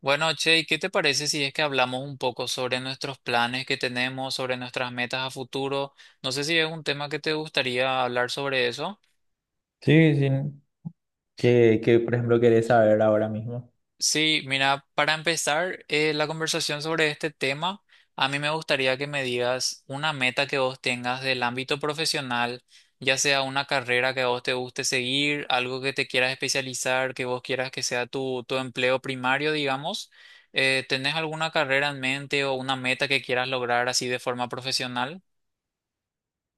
Bueno, Che, ¿y qué te parece si es que hablamos un poco sobre nuestros planes que tenemos, sobre nuestras metas a futuro? No sé si es un tema que te gustaría hablar sobre eso. Sí, sí. Que, por ejemplo, querés saber ahora mismo. Sí, mira, para empezar la conversación sobre este tema, a mí me gustaría que me digas una meta que vos tengas del ámbito profesional, ya sea una carrera que a vos te guste seguir, algo que te quieras especializar, que vos quieras que sea tu empleo primario, digamos. ¿Tenés alguna carrera en mente o una meta que quieras lograr así de forma profesional?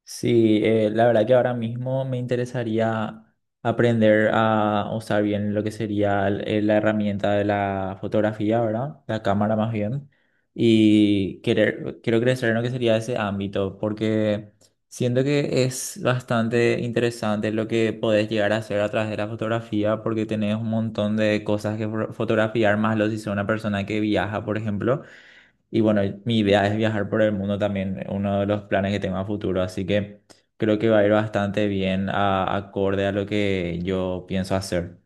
Sí, la verdad que ahora mismo me interesaría aprender a usar bien lo que sería la herramienta de la fotografía, ¿verdad? La cámara más bien. Y quiero crecer en lo que sería ese ámbito, porque siento que es bastante interesante lo que podés llegar a hacer a través de la fotografía, porque tenés un montón de cosas que fotografiar, más lo si sos una persona que viaja, por ejemplo. Y bueno, mi idea es viajar por el mundo también, uno de los planes que tengo a futuro, así que creo que va a ir bastante bien acorde a lo que yo pienso hacer.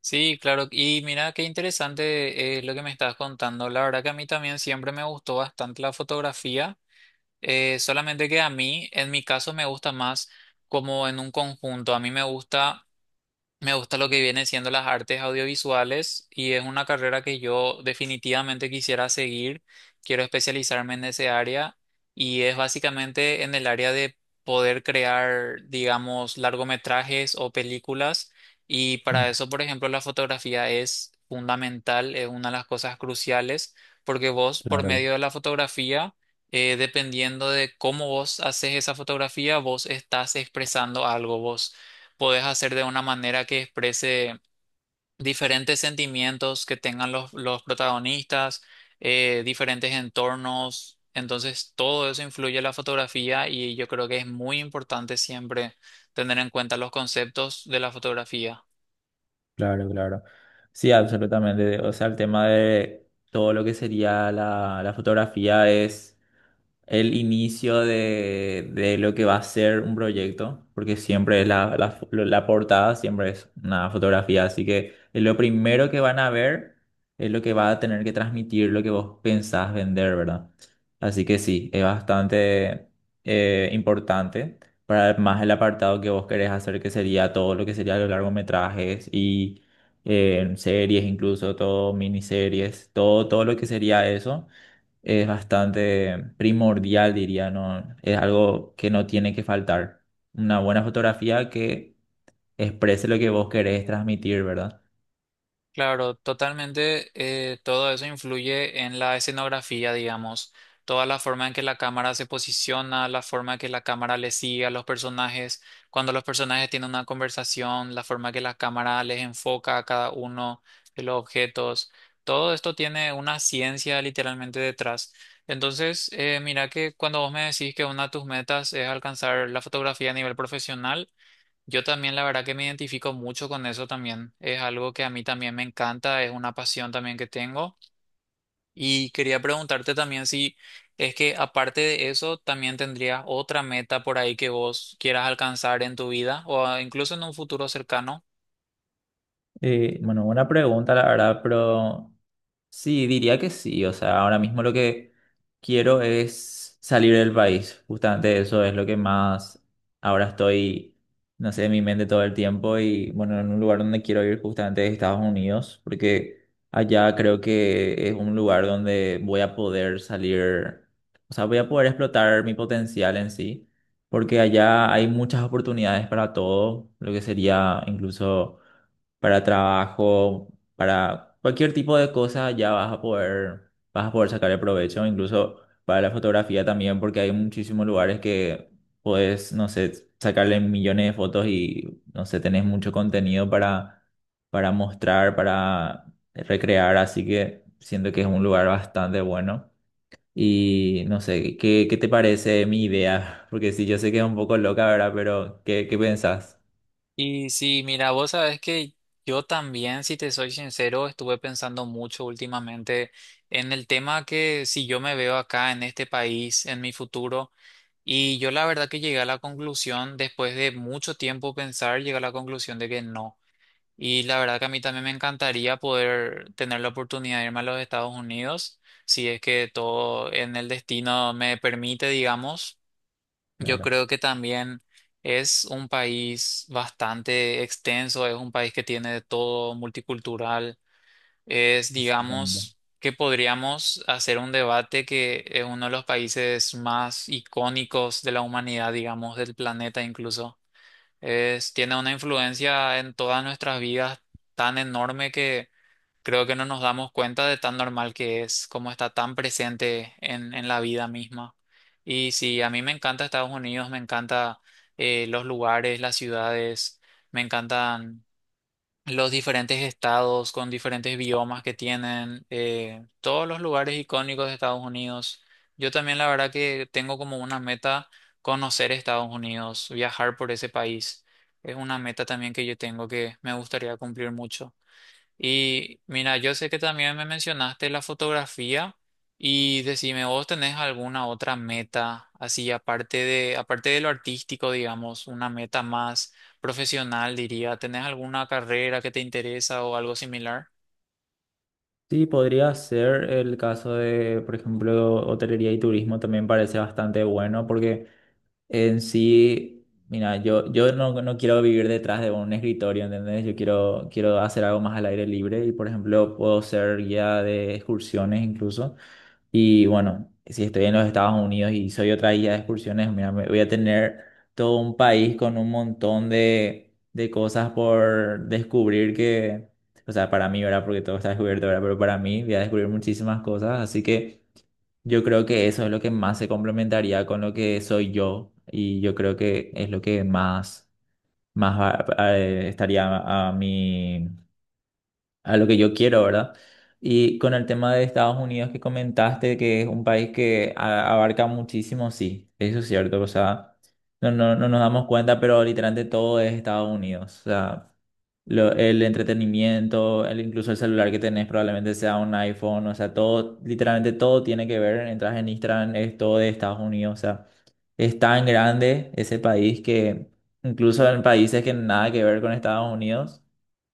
Sí, claro. Y mira, qué interesante lo que me estás contando. La verdad que a mí también siempre me gustó bastante la fotografía. Solamente que a mí, en mi caso, me gusta más como en un conjunto. A mí me gusta lo que viene siendo las artes audiovisuales y es una carrera que yo definitivamente quisiera seguir. Quiero especializarme en ese área y es básicamente en el área de poder crear, digamos, largometrajes o películas. Y Mm, para eso, por ejemplo, la fotografía es fundamental, es una de las cosas cruciales, porque vos, por claro, medio de la fotografía, dependiendo de cómo vos haces esa fotografía, vos estás expresando algo, vos podés hacer de una manera que exprese diferentes sentimientos que tengan los protagonistas, diferentes entornos. Entonces, todo eso influye en la fotografía y yo creo que es muy importante siempre tener en cuenta los conceptos de la fotografía. claro, claro. Sí, absolutamente. O sea, el tema de todo lo que sería la fotografía es el inicio de lo que va a ser un proyecto, porque siempre la portada siempre es una fotografía, así que es lo primero que van a ver, es lo que va a tener que transmitir lo que vos pensás vender, ¿verdad? Así que sí, es bastante importante para más el apartado que vos querés hacer, que sería todo lo que sería los largometrajes y series, incluso todo miniseries, todo lo que sería eso es bastante primordial, diría, ¿no? Es algo que no tiene que faltar. Una buena fotografía que exprese lo que vos querés transmitir, ¿verdad? Claro, totalmente. Todo eso influye en la escenografía, digamos. Toda la forma en que la cámara se posiciona, la forma en que la cámara le sigue a los personajes, cuando los personajes tienen una conversación, la forma en que la cámara les enfoca a cada uno de los objetos. Todo esto tiene una ciencia literalmente detrás. Entonces, mira que cuando vos me decís que una de tus metas es alcanzar la fotografía a nivel profesional, yo también, la verdad que me identifico mucho con eso también. Es algo que a mí también me encanta, es una pasión también que tengo. Y quería preguntarte también si es que aparte de eso, también tendrías otra meta por ahí que vos quieras alcanzar en tu vida o incluso en un futuro cercano. Bueno, buena pregunta, la verdad, pero sí, diría que sí. O sea, ahora mismo lo que quiero es salir del país. Justamente eso es lo que más ahora estoy, no sé, en mi mente todo el tiempo. Y bueno, en un lugar donde quiero ir justamente es Estados Unidos, porque allá creo que es un lugar donde voy a poder salir, o sea, voy a poder explotar mi potencial en sí, porque allá hay muchas oportunidades para todo, lo que sería incluso para trabajo. Para cualquier tipo de cosa ya vas a poder sacarle provecho, incluso para la fotografía también, porque hay muchísimos lugares que puedes, no sé, sacarle millones de fotos y, no sé, tenés mucho contenido para mostrar, para recrear, así que siento que es un lugar bastante bueno. Y no sé, ¿qué, qué te parece mi idea? Porque sí, yo sé que es un poco loca, ¿verdad? Pero ¿qué, qué pensás? Y si, mira, vos sabes que yo también, si te soy sincero, estuve pensando mucho últimamente en el tema que si yo me veo acá en este país, en mi futuro. Y yo la verdad que llegué a la conclusión, después de mucho tiempo pensar, llegué a la conclusión de que no. Y la verdad que a mí también me encantaría poder tener la oportunidad de irme a los Estados Unidos, si es que todo en el destino me permite, digamos. Yo Claro, creo que también es un país bastante extenso, es un país que tiene de todo, multicultural es, exactamente. digamos, que podríamos hacer un debate que es uno de los países más icónicos de la humanidad, digamos, del planeta incluso. Es, tiene una influencia en todas nuestras vidas tan enorme que creo que no nos damos cuenta de tan normal que es, como está tan presente en la vida misma. Y sí, a mí me encanta Estados Unidos, me encanta los lugares, las ciudades, me encantan los diferentes estados con diferentes biomas que tienen, todos los lugares icónicos de Estados Unidos. Yo también la verdad que tengo como una meta conocer Estados Unidos, viajar por ese país. Es una meta también que yo tengo que me gustaría cumplir mucho. Y mira, yo sé que también me mencionaste la fotografía y decime, ¿vos tenés alguna otra meta así aparte de lo artístico, digamos, una meta más profesional, diría? ¿Tenés alguna carrera que te interesa o algo similar? Sí, podría ser el caso de, por ejemplo, hotelería y turismo. También parece bastante bueno porque en sí, mira, yo no, no quiero vivir detrás de un escritorio, ¿entendés? Quiero hacer algo más al aire libre y, por ejemplo, puedo ser guía de excursiones incluso. Y bueno, si estoy en los Estados Unidos y soy otra guía de excursiones, mira, voy a tener todo un país con un montón de cosas por descubrir que, o sea, para mí, ¿verdad? Porque todo está descubierto, ¿verdad? Pero para mí voy a descubrir muchísimas cosas, así que yo creo que eso es lo que más se complementaría con lo que soy yo, y yo creo que es lo que más, más estaría a, mi, a lo que yo quiero, ¿verdad? Y con el tema de Estados Unidos que comentaste, que es un país que abarca muchísimo, sí, eso es cierto, o sea, no nos damos cuenta, pero literalmente todo es Estados Unidos, o sea, el entretenimiento, el, incluso el celular que tenés probablemente sea un iPhone, o sea, todo, literalmente todo tiene que ver, entras en Instagram, es todo de Estados Unidos, o sea, es tan grande ese país que incluso en países que nada que ver con Estados Unidos,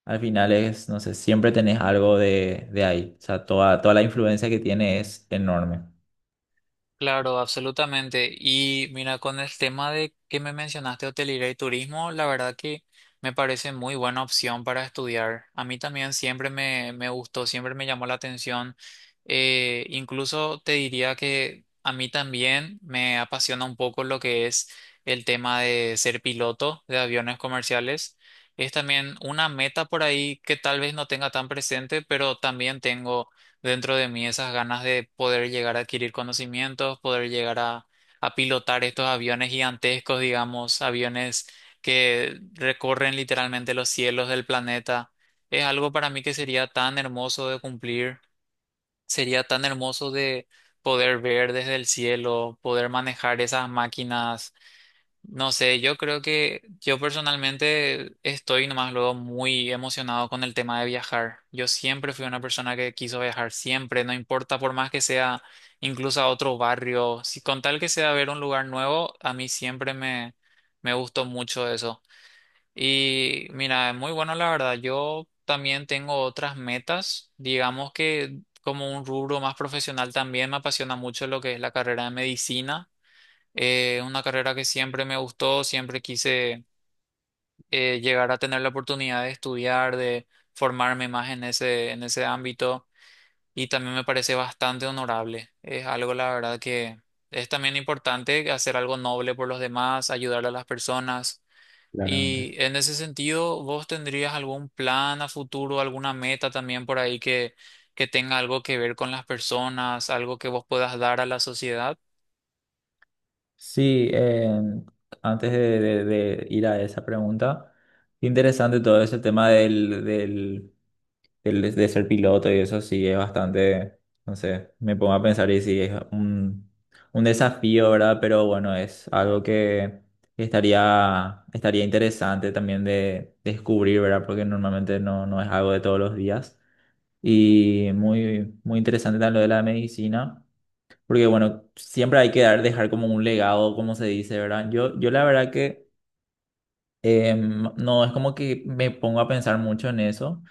al final es, no sé, siempre tenés algo de ahí, o sea, toda la influencia que tiene es enorme, Claro, absolutamente. Y mira, con el tema de que me mencionaste hotelería y turismo, la verdad que me parece muy buena opción para estudiar. A mí también siempre me gustó, siempre me llamó la atención. Incluso te diría que a mí también me apasiona un poco lo que es el tema de ser piloto de aviones comerciales. Es también una meta por ahí que tal vez no tenga tan presente, pero también tengo dentro de mí esas ganas de poder llegar a adquirir conocimientos, poder llegar a pilotar estos aviones gigantescos, digamos, aviones que recorren literalmente los cielos del planeta. Es algo para mí que sería tan hermoso de cumplir, sería tan hermoso de poder ver desde el cielo, poder manejar esas máquinas no sé, yo creo que yo personalmente estoy nomás luego muy emocionado con el tema de viajar. Yo siempre fui una persona que quiso viajar, siempre, no importa por más que sea incluso a otro barrio, si con tal que sea ver un lugar nuevo, a mí siempre me gustó mucho eso. Y mira, es muy bueno la verdad. Yo también tengo otras metas, digamos que como un rubro más profesional también me apasiona mucho lo que es la carrera de medicina. Una carrera que siempre me gustó, siempre quise llegar a tener la oportunidad de estudiar, de formarme más en ese ámbito y también me parece bastante honorable. Es algo, la verdad, que es también importante hacer algo noble por los demás, ayudar a las personas. Y claramente. en ese sentido, ¿vos tendrías algún plan a futuro, alguna meta también por ahí que tenga algo que ver con las personas, algo que vos puedas dar a la sociedad? Sí, antes de ir a esa pregunta, interesante todo ese tema de ser piloto y eso sí es bastante, no sé, me pongo a pensar y sí es un desafío, ¿verdad? Pero bueno, es algo que estaría interesante también de descubrir, ¿verdad? Porque normalmente no, no es algo de todos los días. Y muy, muy interesante también lo de la medicina. Porque bueno, siempre hay que dejar como un legado, como se dice, ¿verdad? Yo la verdad que no es como que me pongo a pensar mucho en eso.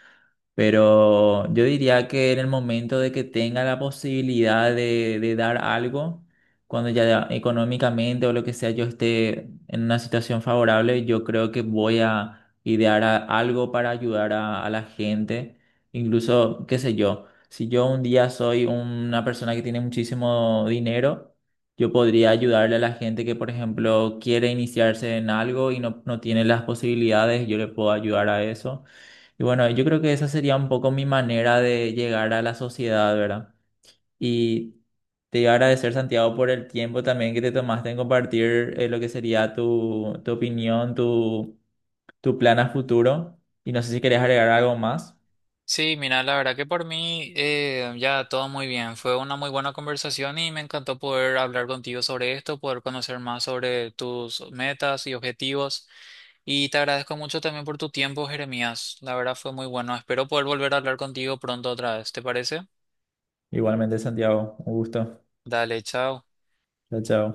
Pero yo diría que en el momento de que tenga la posibilidad de dar algo, cuando ya económicamente o lo que sea yo esté en una situación favorable, yo creo que voy a idear algo para ayudar a la gente. Incluso, qué sé yo, si yo un día soy una persona que tiene muchísimo dinero, yo podría ayudarle a la gente que, por ejemplo, quiere iniciarse en algo y no, no tiene las posibilidades, yo le puedo ayudar a eso. Y bueno, yo creo que esa sería un poco mi manera de llegar a la sociedad, ¿verdad? Y te iba a agradecer, Santiago, por el tiempo también que te tomaste en compartir lo que sería tu, tu opinión, tu plan a futuro. Y no sé si querías agregar algo más. Sí, mira, la verdad que por mí ya todo muy bien. Fue una muy buena conversación y me encantó poder hablar contigo sobre esto, poder conocer más sobre tus metas y objetivos. Y te agradezco mucho también por tu tiempo, Jeremías. La verdad fue muy bueno. Espero poder volver a hablar contigo pronto otra vez. ¿Te parece? Igualmente, Santiago, un gusto. Dale, chao. Chao, chao.